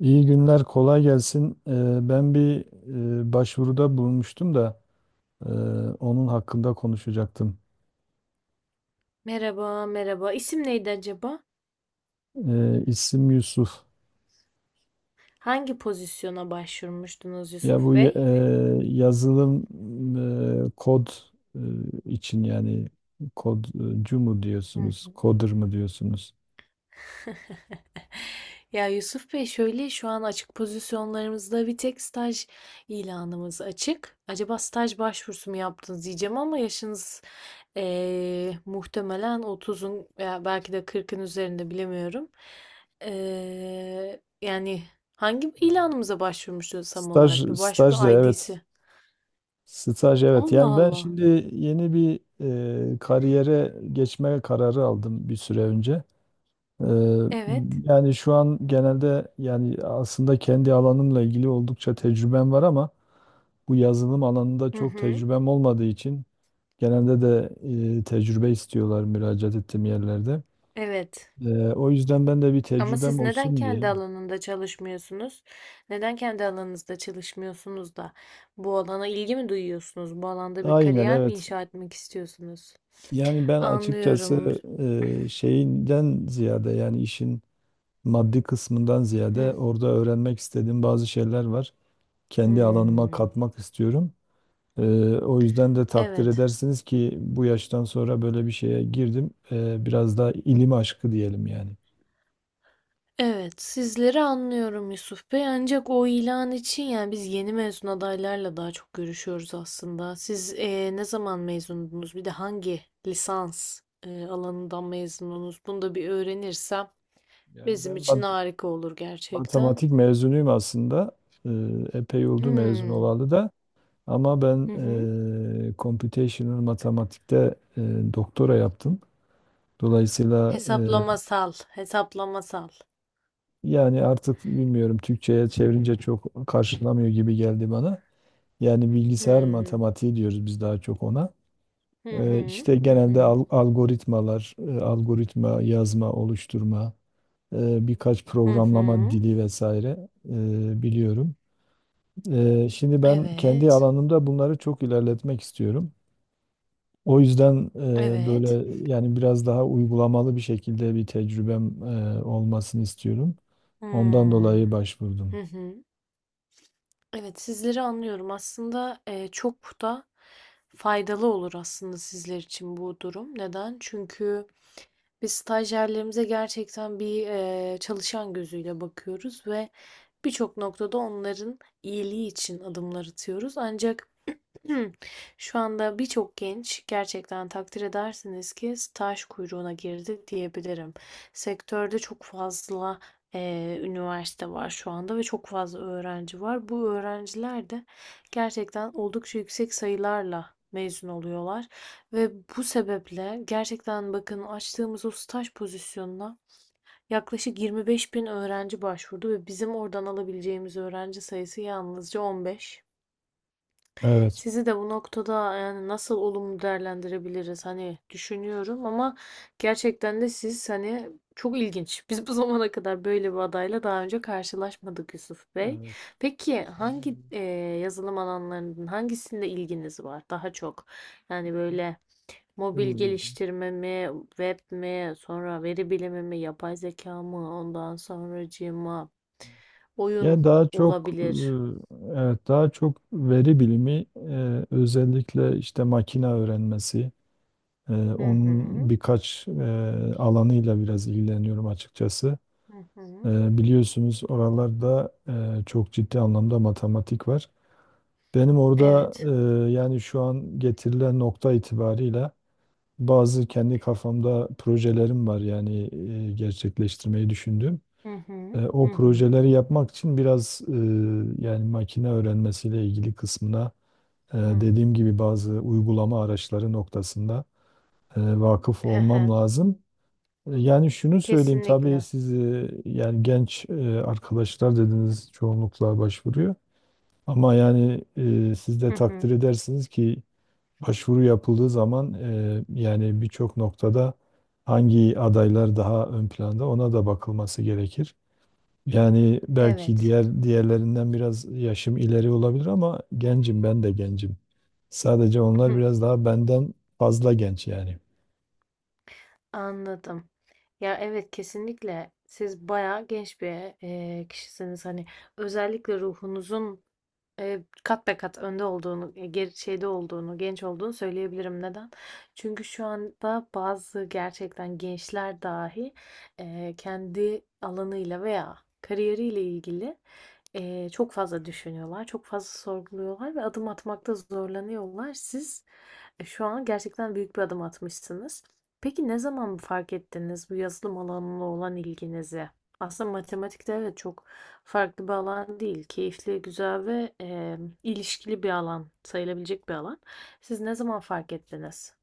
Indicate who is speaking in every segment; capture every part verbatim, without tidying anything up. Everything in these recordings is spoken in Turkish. Speaker 1: İyi günler, kolay gelsin. Ee, Ben bir e, başvuruda bulunmuştum da e, onun hakkında konuşacaktım.
Speaker 2: Merhaba, merhaba. İsim neydi acaba?
Speaker 1: Ee, İsim Yusuf.
Speaker 2: Hangi pozisyona başvurmuştunuz
Speaker 1: Ya bu
Speaker 2: Yusuf
Speaker 1: e,
Speaker 2: Bey?
Speaker 1: yazılım e, kod e, için yani kodcu mu
Speaker 2: Hı.
Speaker 1: diyorsunuz, coder mı diyorsunuz?
Speaker 2: Ya Yusuf Bey şöyle şu an açık pozisyonlarımızda bir tek staj ilanımız açık. Acaba staj başvurusu mu yaptınız diyeceğim ama yaşınız eee, muhtemelen otuzun veya belki de kırkın üzerinde bilemiyorum. Eee, yani hangi ilanımıza başvurmuştunuz tam
Speaker 1: Staj,
Speaker 2: olarak? Bir
Speaker 1: staj da
Speaker 2: başvuru
Speaker 1: evet.
Speaker 2: I D'si.
Speaker 1: Staj evet.
Speaker 2: Allah
Speaker 1: Yani ben
Speaker 2: Allah.
Speaker 1: şimdi yeni bir e, kariyere geçme kararı aldım bir süre önce. Ee,
Speaker 2: Evet.
Speaker 1: Yani şu an genelde yani aslında kendi alanımla ilgili oldukça tecrübem var ama bu yazılım alanında
Speaker 2: Hı
Speaker 1: çok
Speaker 2: hı.
Speaker 1: tecrübem olmadığı için genelde de e, tecrübe istiyorlar müracaat ettiğim yerlerde.
Speaker 2: Evet.
Speaker 1: Ee, o yüzden ben de bir
Speaker 2: Ama
Speaker 1: tecrübem
Speaker 2: siz neden
Speaker 1: olsun diye.
Speaker 2: kendi alanında çalışmıyorsunuz? Neden kendi alanınızda çalışmıyorsunuz da bu alana ilgi mi duyuyorsunuz? Bu alanda bir
Speaker 1: Aynen
Speaker 2: kariyer mi
Speaker 1: evet.
Speaker 2: inşa etmek istiyorsunuz?
Speaker 1: Yani ben
Speaker 2: Anlıyorum.
Speaker 1: açıkçası e, şeyinden ziyade yani işin maddi kısmından ziyade
Speaker 2: Hı.
Speaker 1: orada öğrenmek istediğim bazı şeyler var. Kendi alanıma
Speaker 2: Hmm.
Speaker 1: katmak istiyorum. Ee, O yüzden de takdir
Speaker 2: Evet.
Speaker 1: edersiniz ki bu yaştan sonra böyle bir şeye girdim. Ee, biraz daha ilim aşkı diyelim yani.
Speaker 2: Evet, sizleri anlıyorum Yusuf Bey. Ancak o ilan için yani biz yeni mezun adaylarla daha çok görüşüyoruz aslında. Siz eee, ne zaman mezundunuz? Bir de hangi lisans eee, alanından mezundunuz? Bunu da bir öğrenirsem
Speaker 1: Yani
Speaker 2: bizim
Speaker 1: ben
Speaker 2: için
Speaker 1: mat-
Speaker 2: harika olur gerçekten.
Speaker 1: matematik mezunuyum aslında. Ee, Epey oldu mezun
Speaker 2: Hmm.
Speaker 1: olalı da. Ama ben
Speaker 2: Hı hı.
Speaker 1: eee computational matematikte eee, doktora yaptım. Dolayısıyla eee,
Speaker 2: Hesaplamasal, hesaplamasal.
Speaker 1: yani artık bilmiyorum Türkçe'ye çevirince çok karşılamıyor gibi geldi bana. Yani bilgisayar
Speaker 2: Hmm.
Speaker 1: matematiği diyoruz biz daha çok ona.
Speaker 2: Hı
Speaker 1: Eee
Speaker 2: hı.
Speaker 1: işte
Speaker 2: Hı
Speaker 1: genelde
Speaker 2: hı.
Speaker 1: al- algoritmalar, eee, algoritma yazma, oluşturma, eee, birkaç
Speaker 2: Hı
Speaker 1: programlama
Speaker 2: hı.
Speaker 1: dili vesaire eee, biliyorum. Eee, şimdi ben kendi
Speaker 2: Evet.
Speaker 1: alanımda bunları çok ilerletmek istiyorum. O yüzden e, böyle
Speaker 2: Evet.
Speaker 1: yani biraz daha uygulamalı bir şekilde bir tecrübem e, olmasını istiyorum. Ondan
Speaker 2: Hmm.
Speaker 1: dolayı başvurdum.
Speaker 2: Hı hı. Evet, sizleri anlıyorum. Aslında e, çok da faydalı olur aslında sizler için bu durum. Neden? Çünkü biz stajyerlerimize gerçekten bir e, çalışan gözüyle bakıyoruz ve birçok noktada onların iyiliği için adımlar atıyoruz. Ancak şu anda birçok genç gerçekten takdir edersiniz ki staj kuyruğuna girdi diyebilirim. Sektörde çok fazla eee, üniversite var şu anda ve çok fazla öğrenci var. Bu öğrenciler de gerçekten oldukça yüksek sayılarla mezun oluyorlar ve bu sebeple gerçekten bakın açtığımız o staj pozisyonuna yaklaşık yirmi beş bin öğrenci başvurdu ve bizim oradan alabileceğimiz öğrenci sayısı yalnızca on beş.
Speaker 1: Evet.
Speaker 2: Sizi de bu noktada yani nasıl olumlu değerlendirebiliriz hani düşünüyorum ama gerçekten de siz hani çok ilginç. Biz bu zamana kadar böyle bir adayla daha önce karşılaşmadık Yusuf Bey.
Speaker 1: Evet.
Speaker 2: Peki hangi eee, yazılım alanlarının hangisinde ilginiz var daha çok? Yani böyle mobil
Speaker 1: Ee,
Speaker 2: geliştirme mi, web mi, sonra veri bilimi mi, yapay zeka mı, ondan sonracığıma oyun
Speaker 1: Yani daha çok e,
Speaker 2: olabilir.
Speaker 1: evet daha çok veri bilimi, e, özellikle işte makine öğrenmesi, e,
Speaker 2: Hı
Speaker 1: onun
Speaker 2: hı,
Speaker 1: birkaç e, alanıyla biraz ilgileniyorum açıkçası.
Speaker 2: hı hı.
Speaker 1: E, Biliyorsunuz oralarda e, çok ciddi anlamda matematik var. Benim orada
Speaker 2: Evet.
Speaker 1: e, yani şu an getirilen nokta itibariyle bazı kendi kafamda projelerim var yani e, gerçekleştirmeyi düşündüğüm.
Speaker 2: Hı
Speaker 1: E,
Speaker 2: hı, hı
Speaker 1: o
Speaker 2: hı.
Speaker 1: projeleri yapmak için biraz e, yani makine öğrenmesiyle ilgili kısmına e,
Speaker 2: Hı.
Speaker 1: dediğim gibi bazı uygulama araçları noktasında e, vakıf
Speaker 2: Hı
Speaker 1: olmam
Speaker 2: hı.
Speaker 1: lazım. E, Yani şunu söyleyeyim tabii
Speaker 2: Kesinlikle.
Speaker 1: siz e, yani genç e, arkadaşlar dediniz çoğunlukla başvuruyor. Ama yani e, siz de
Speaker 2: Hı
Speaker 1: takdir
Speaker 2: hı.
Speaker 1: edersiniz ki başvuru yapıldığı zaman e, yani birçok noktada hangi adaylar daha ön planda ona da bakılması gerekir. Yani belki
Speaker 2: Evet.
Speaker 1: diğer diğerlerinden biraz yaşım ileri olabilir ama gencim ben de gencim. Sadece
Speaker 2: Hı
Speaker 1: onlar
Speaker 2: hı.
Speaker 1: biraz daha benden fazla genç yani.
Speaker 2: Anladım. Ya evet kesinlikle siz bayağı genç bir e, kişisiniz. Hani özellikle ruhunuzun Eee, kat be kat önde olduğunu, eee, geri şeyde olduğunu, genç olduğunu söyleyebilirim. Neden? Çünkü şu anda bazı gerçekten gençler dahi, eee, kendi alanıyla veya kariyeriyle ilgili, eee, çok fazla düşünüyorlar, çok fazla sorguluyorlar ve adım atmakta zorlanıyorlar. Siz, eee, şu an gerçekten büyük bir adım atmışsınız. Peki ne zaman fark ettiniz bu yazılım alanına olan ilginizi? Aslında matematikte evet çok farklı bir alan değil. Keyifli, güzel ve e, ilişkili bir alan sayılabilecek bir alan. Siz ne zaman fark ettiniz?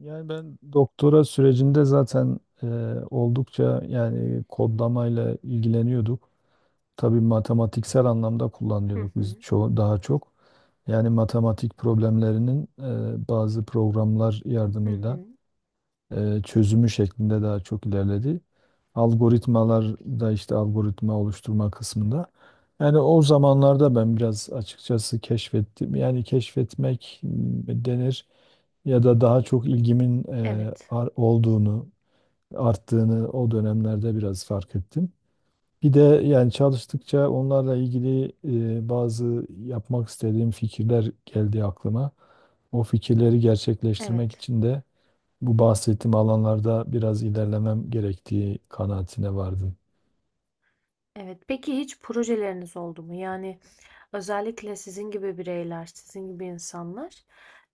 Speaker 1: Yani ben doktora sürecinde zaten e, oldukça yani kodlamayla ilgileniyorduk. Tabii matematiksel anlamda
Speaker 2: Hı
Speaker 1: kullanıyorduk biz
Speaker 2: hı,
Speaker 1: çoğu daha çok. Yani matematik problemlerinin e, bazı programlar
Speaker 2: hı
Speaker 1: yardımıyla
Speaker 2: hı.
Speaker 1: e, çözümü şeklinde daha çok ilerledi. Algoritmalar da işte algoritma oluşturma kısmında. Yani o zamanlarda ben biraz açıkçası keşfettim. Yani keşfetmek m, denir ya da daha çok ilgimin e,
Speaker 2: Evet,
Speaker 1: ar- olduğunu, arttığını o dönemlerde biraz fark ettim. Bir de yani çalıştıkça onlarla ilgili e, bazı yapmak istediğim fikirler geldi aklıma. O fikirleri gerçekleştirmek
Speaker 2: evet,
Speaker 1: için de bu bahsettiğim alanlarda biraz ilerlemem gerektiği kanaatine vardım.
Speaker 2: evet. Peki hiç projeleriniz oldu mu? Yani özellikle sizin gibi bireyler, sizin gibi insanlar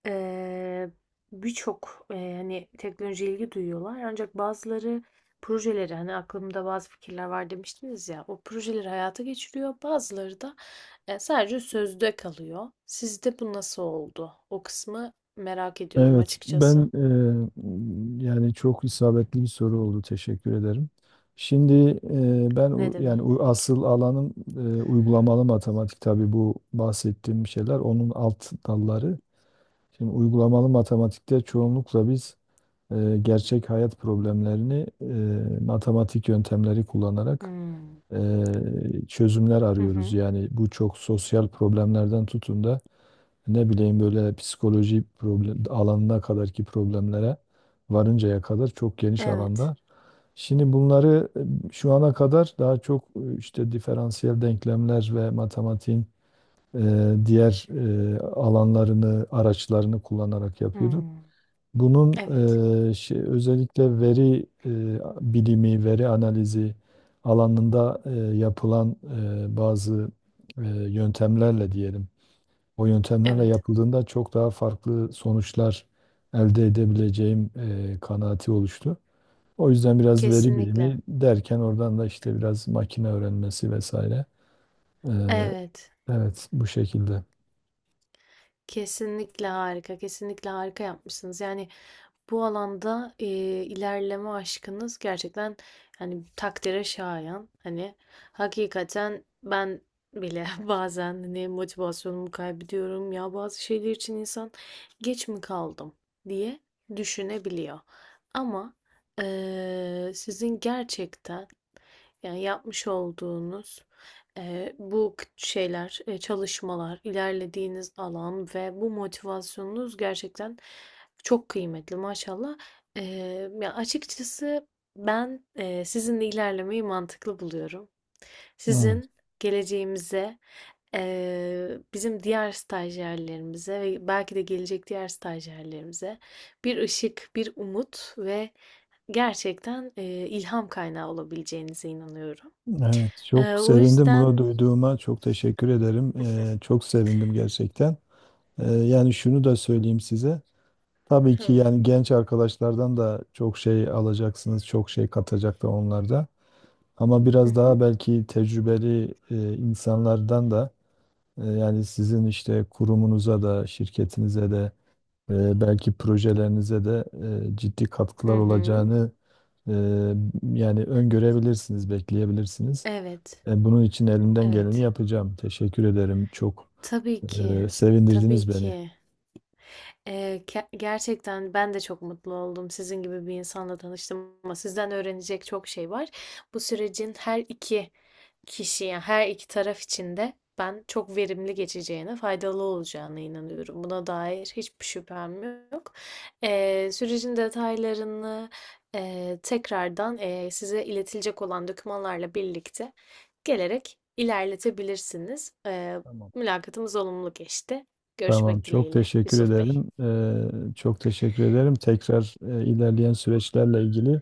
Speaker 2: e, birçok e, hani teknolojiye ilgi duyuyorlar. Ancak bazıları projeleri hani aklımda bazı fikirler var demiştiniz ya o projeleri hayata geçiriyor. Bazıları da E, sadece sözde kalıyor. Sizde bu nasıl oldu? O kısmı merak ediyorum
Speaker 1: Evet,
Speaker 2: açıkçası.
Speaker 1: ben e, yani çok isabetli bir soru oldu. Teşekkür ederim. Şimdi e, ben
Speaker 2: Ne
Speaker 1: u- yani u-
Speaker 2: demek?
Speaker 1: asıl alanım e, uygulamalı matematik. Tabii bu bahsettiğim şeyler onun alt dalları. Şimdi uygulamalı matematikte çoğunlukla biz e, gerçek hayat problemlerini e, matematik yöntemleri kullanarak
Speaker 2: Hmm.
Speaker 1: e, çözümler
Speaker 2: Hı
Speaker 1: arıyoruz.
Speaker 2: hı.
Speaker 1: Yani bu çok sosyal problemlerden tutun da ne bileyim böyle psikoloji problem, alanına kadarki problemlere varıncaya kadar çok geniş
Speaker 2: Evet.
Speaker 1: alanda. Şimdi bunları e, şu ana kadar daha çok e, işte diferansiyel denklemler ve matematiğin e, diğer e, alanlarını, araçlarını kullanarak yapıyorduk.
Speaker 2: Hmm.
Speaker 1: Bunun
Speaker 2: Evet.
Speaker 1: e, şey, özellikle veri e, bilimi, veri analizi alanında e, yapılan e, bazı e, yöntemlerle diyelim o yöntemlerle
Speaker 2: Evet.
Speaker 1: yapıldığında çok daha farklı sonuçlar elde edebileceğim e, kanaati oluştu. O yüzden biraz veri
Speaker 2: Kesinlikle.
Speaker 1: bilimi derken oradan da işte biraz makine öğrenmesi vesaire. E,
Speaker 2: Evet.
Speaker 1: evet, bu şekilde.
Speaker 2: Kesinlikle harika. Kesinlikle harika yapmışsınız. Yani bu alanda, eee, ilerleme aşkınız gerçekten, hani, takdire şayan. Hani, hakikaten ben bile bazen, hani, motivasyonumu kaybediyorum. "Ya, bazı şeyler için insan geç mi kaldım?" diye düşünebiliyor. Ama, eee, sizin gerçekten yani yapmış olduğunuz eee, bu k- şeyler, eee, çalışmalar, ilerlediğiniz alan ve bu motivasyonunuz gerçekten çok kıymetli maşallah. Eee, ya açıkçası ben eee, sizinle ilerlemeyi mantıklı buluyorum.
Speaker 1: Evet,
Speaker 2: Sizin geleceğimize, eee, bizim diğer stajyerlerimize ve belki de gelecek diğer stajyerlerimize bir ışık, bir umut ve gerçekten eee, ilham kaynağı olabileceğinize inanıyorum.
Speaker 1: evet.
Speaker 2: Eee,
Speaker 1: Çok
Speaker 2: o
Speaker 1: sevindim bunu
Speaker 2: yüzden
Speaker 1: duyduğuma. Çok teşekkür ederim. E, çok sevindim gerçekten. E, yani şunu da söyleyeyim size. Tabii ki
Speaker 2: hıı.
Speaker 1: yani genç arkadaşlardan da çok şey alacaksınız, çok şey katacak da onlar da. Ama
Speaker 2: Hı
Speaker 1: biraz daha
Speaker 2: hı.
Speaker 1: belki tecrübeli e, insanlardan da e, yani sizin işte kurumunuza da şirketinize de e, belki projelerinize de e, ciddi
Speaker 2: Hı
Speaker 1: katkılar
Speaker 2: hı.
Speaker 1: olacağını e, yani öngörebilirsiniz, bekleyebilirsiniz.
Speaker 2: Evet,
Speaker 1: E, bunun için elimden geleni
Speaker 2: evet.
Speaker 1: yapacağım. Teşekkür ederim. Çok
Speaker 2: Tabii ki,
Speaker 1: e,
Speaker 2: tabii
Speaker 1: sevindirdiniz
Speaker 2: ki.
Speaker 1: beni.
Speaker 2: Ee, ke- gerçekten ben de çok mutlu oldum sizin gibi bir insanla tanıştım ama sizden öğrenecek çok şey var. Bu sürecin her iki kişi, yani her iki taraf için de ben çok verimli geçeceğine, faydalı olacağına inanıyorum. Buna dair hiçbir şüphem yok. Ee, sürecin detaylarını e, tekrardan e, size iletilecek olan dokümanlarla birlikte gelerek ilerletebilirsiniz. Ee,
Speaker 1: Tamam.
Speaker 2: mülakatımız olumlu geçti.
Speaker 1: Tamam,
Speaker 2: Görüşmek
Speaker 1: çok
Speaker 2: dileğiyle
Speaker 1: teşekkür
Speaker 2: Yusuf Bey.
Speaker 1: ederim. E, çok teşekkür ederim. Tekrar e, ilerleyen süreçlerle ilgili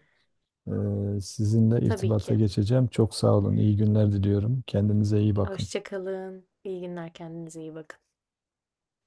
Speaker 1: Ee, sizinle
Speaker 2: Tabii
Speaker 1: irtibata
Speaker 2: ki.
Speaker 1: geçeceğim. Çok sağ olun. İyi günler diliyorum. Kendinize iyi bakın.
Speaker 2: Hoşça kalın. İyi günler. Kendinize iyi bakın.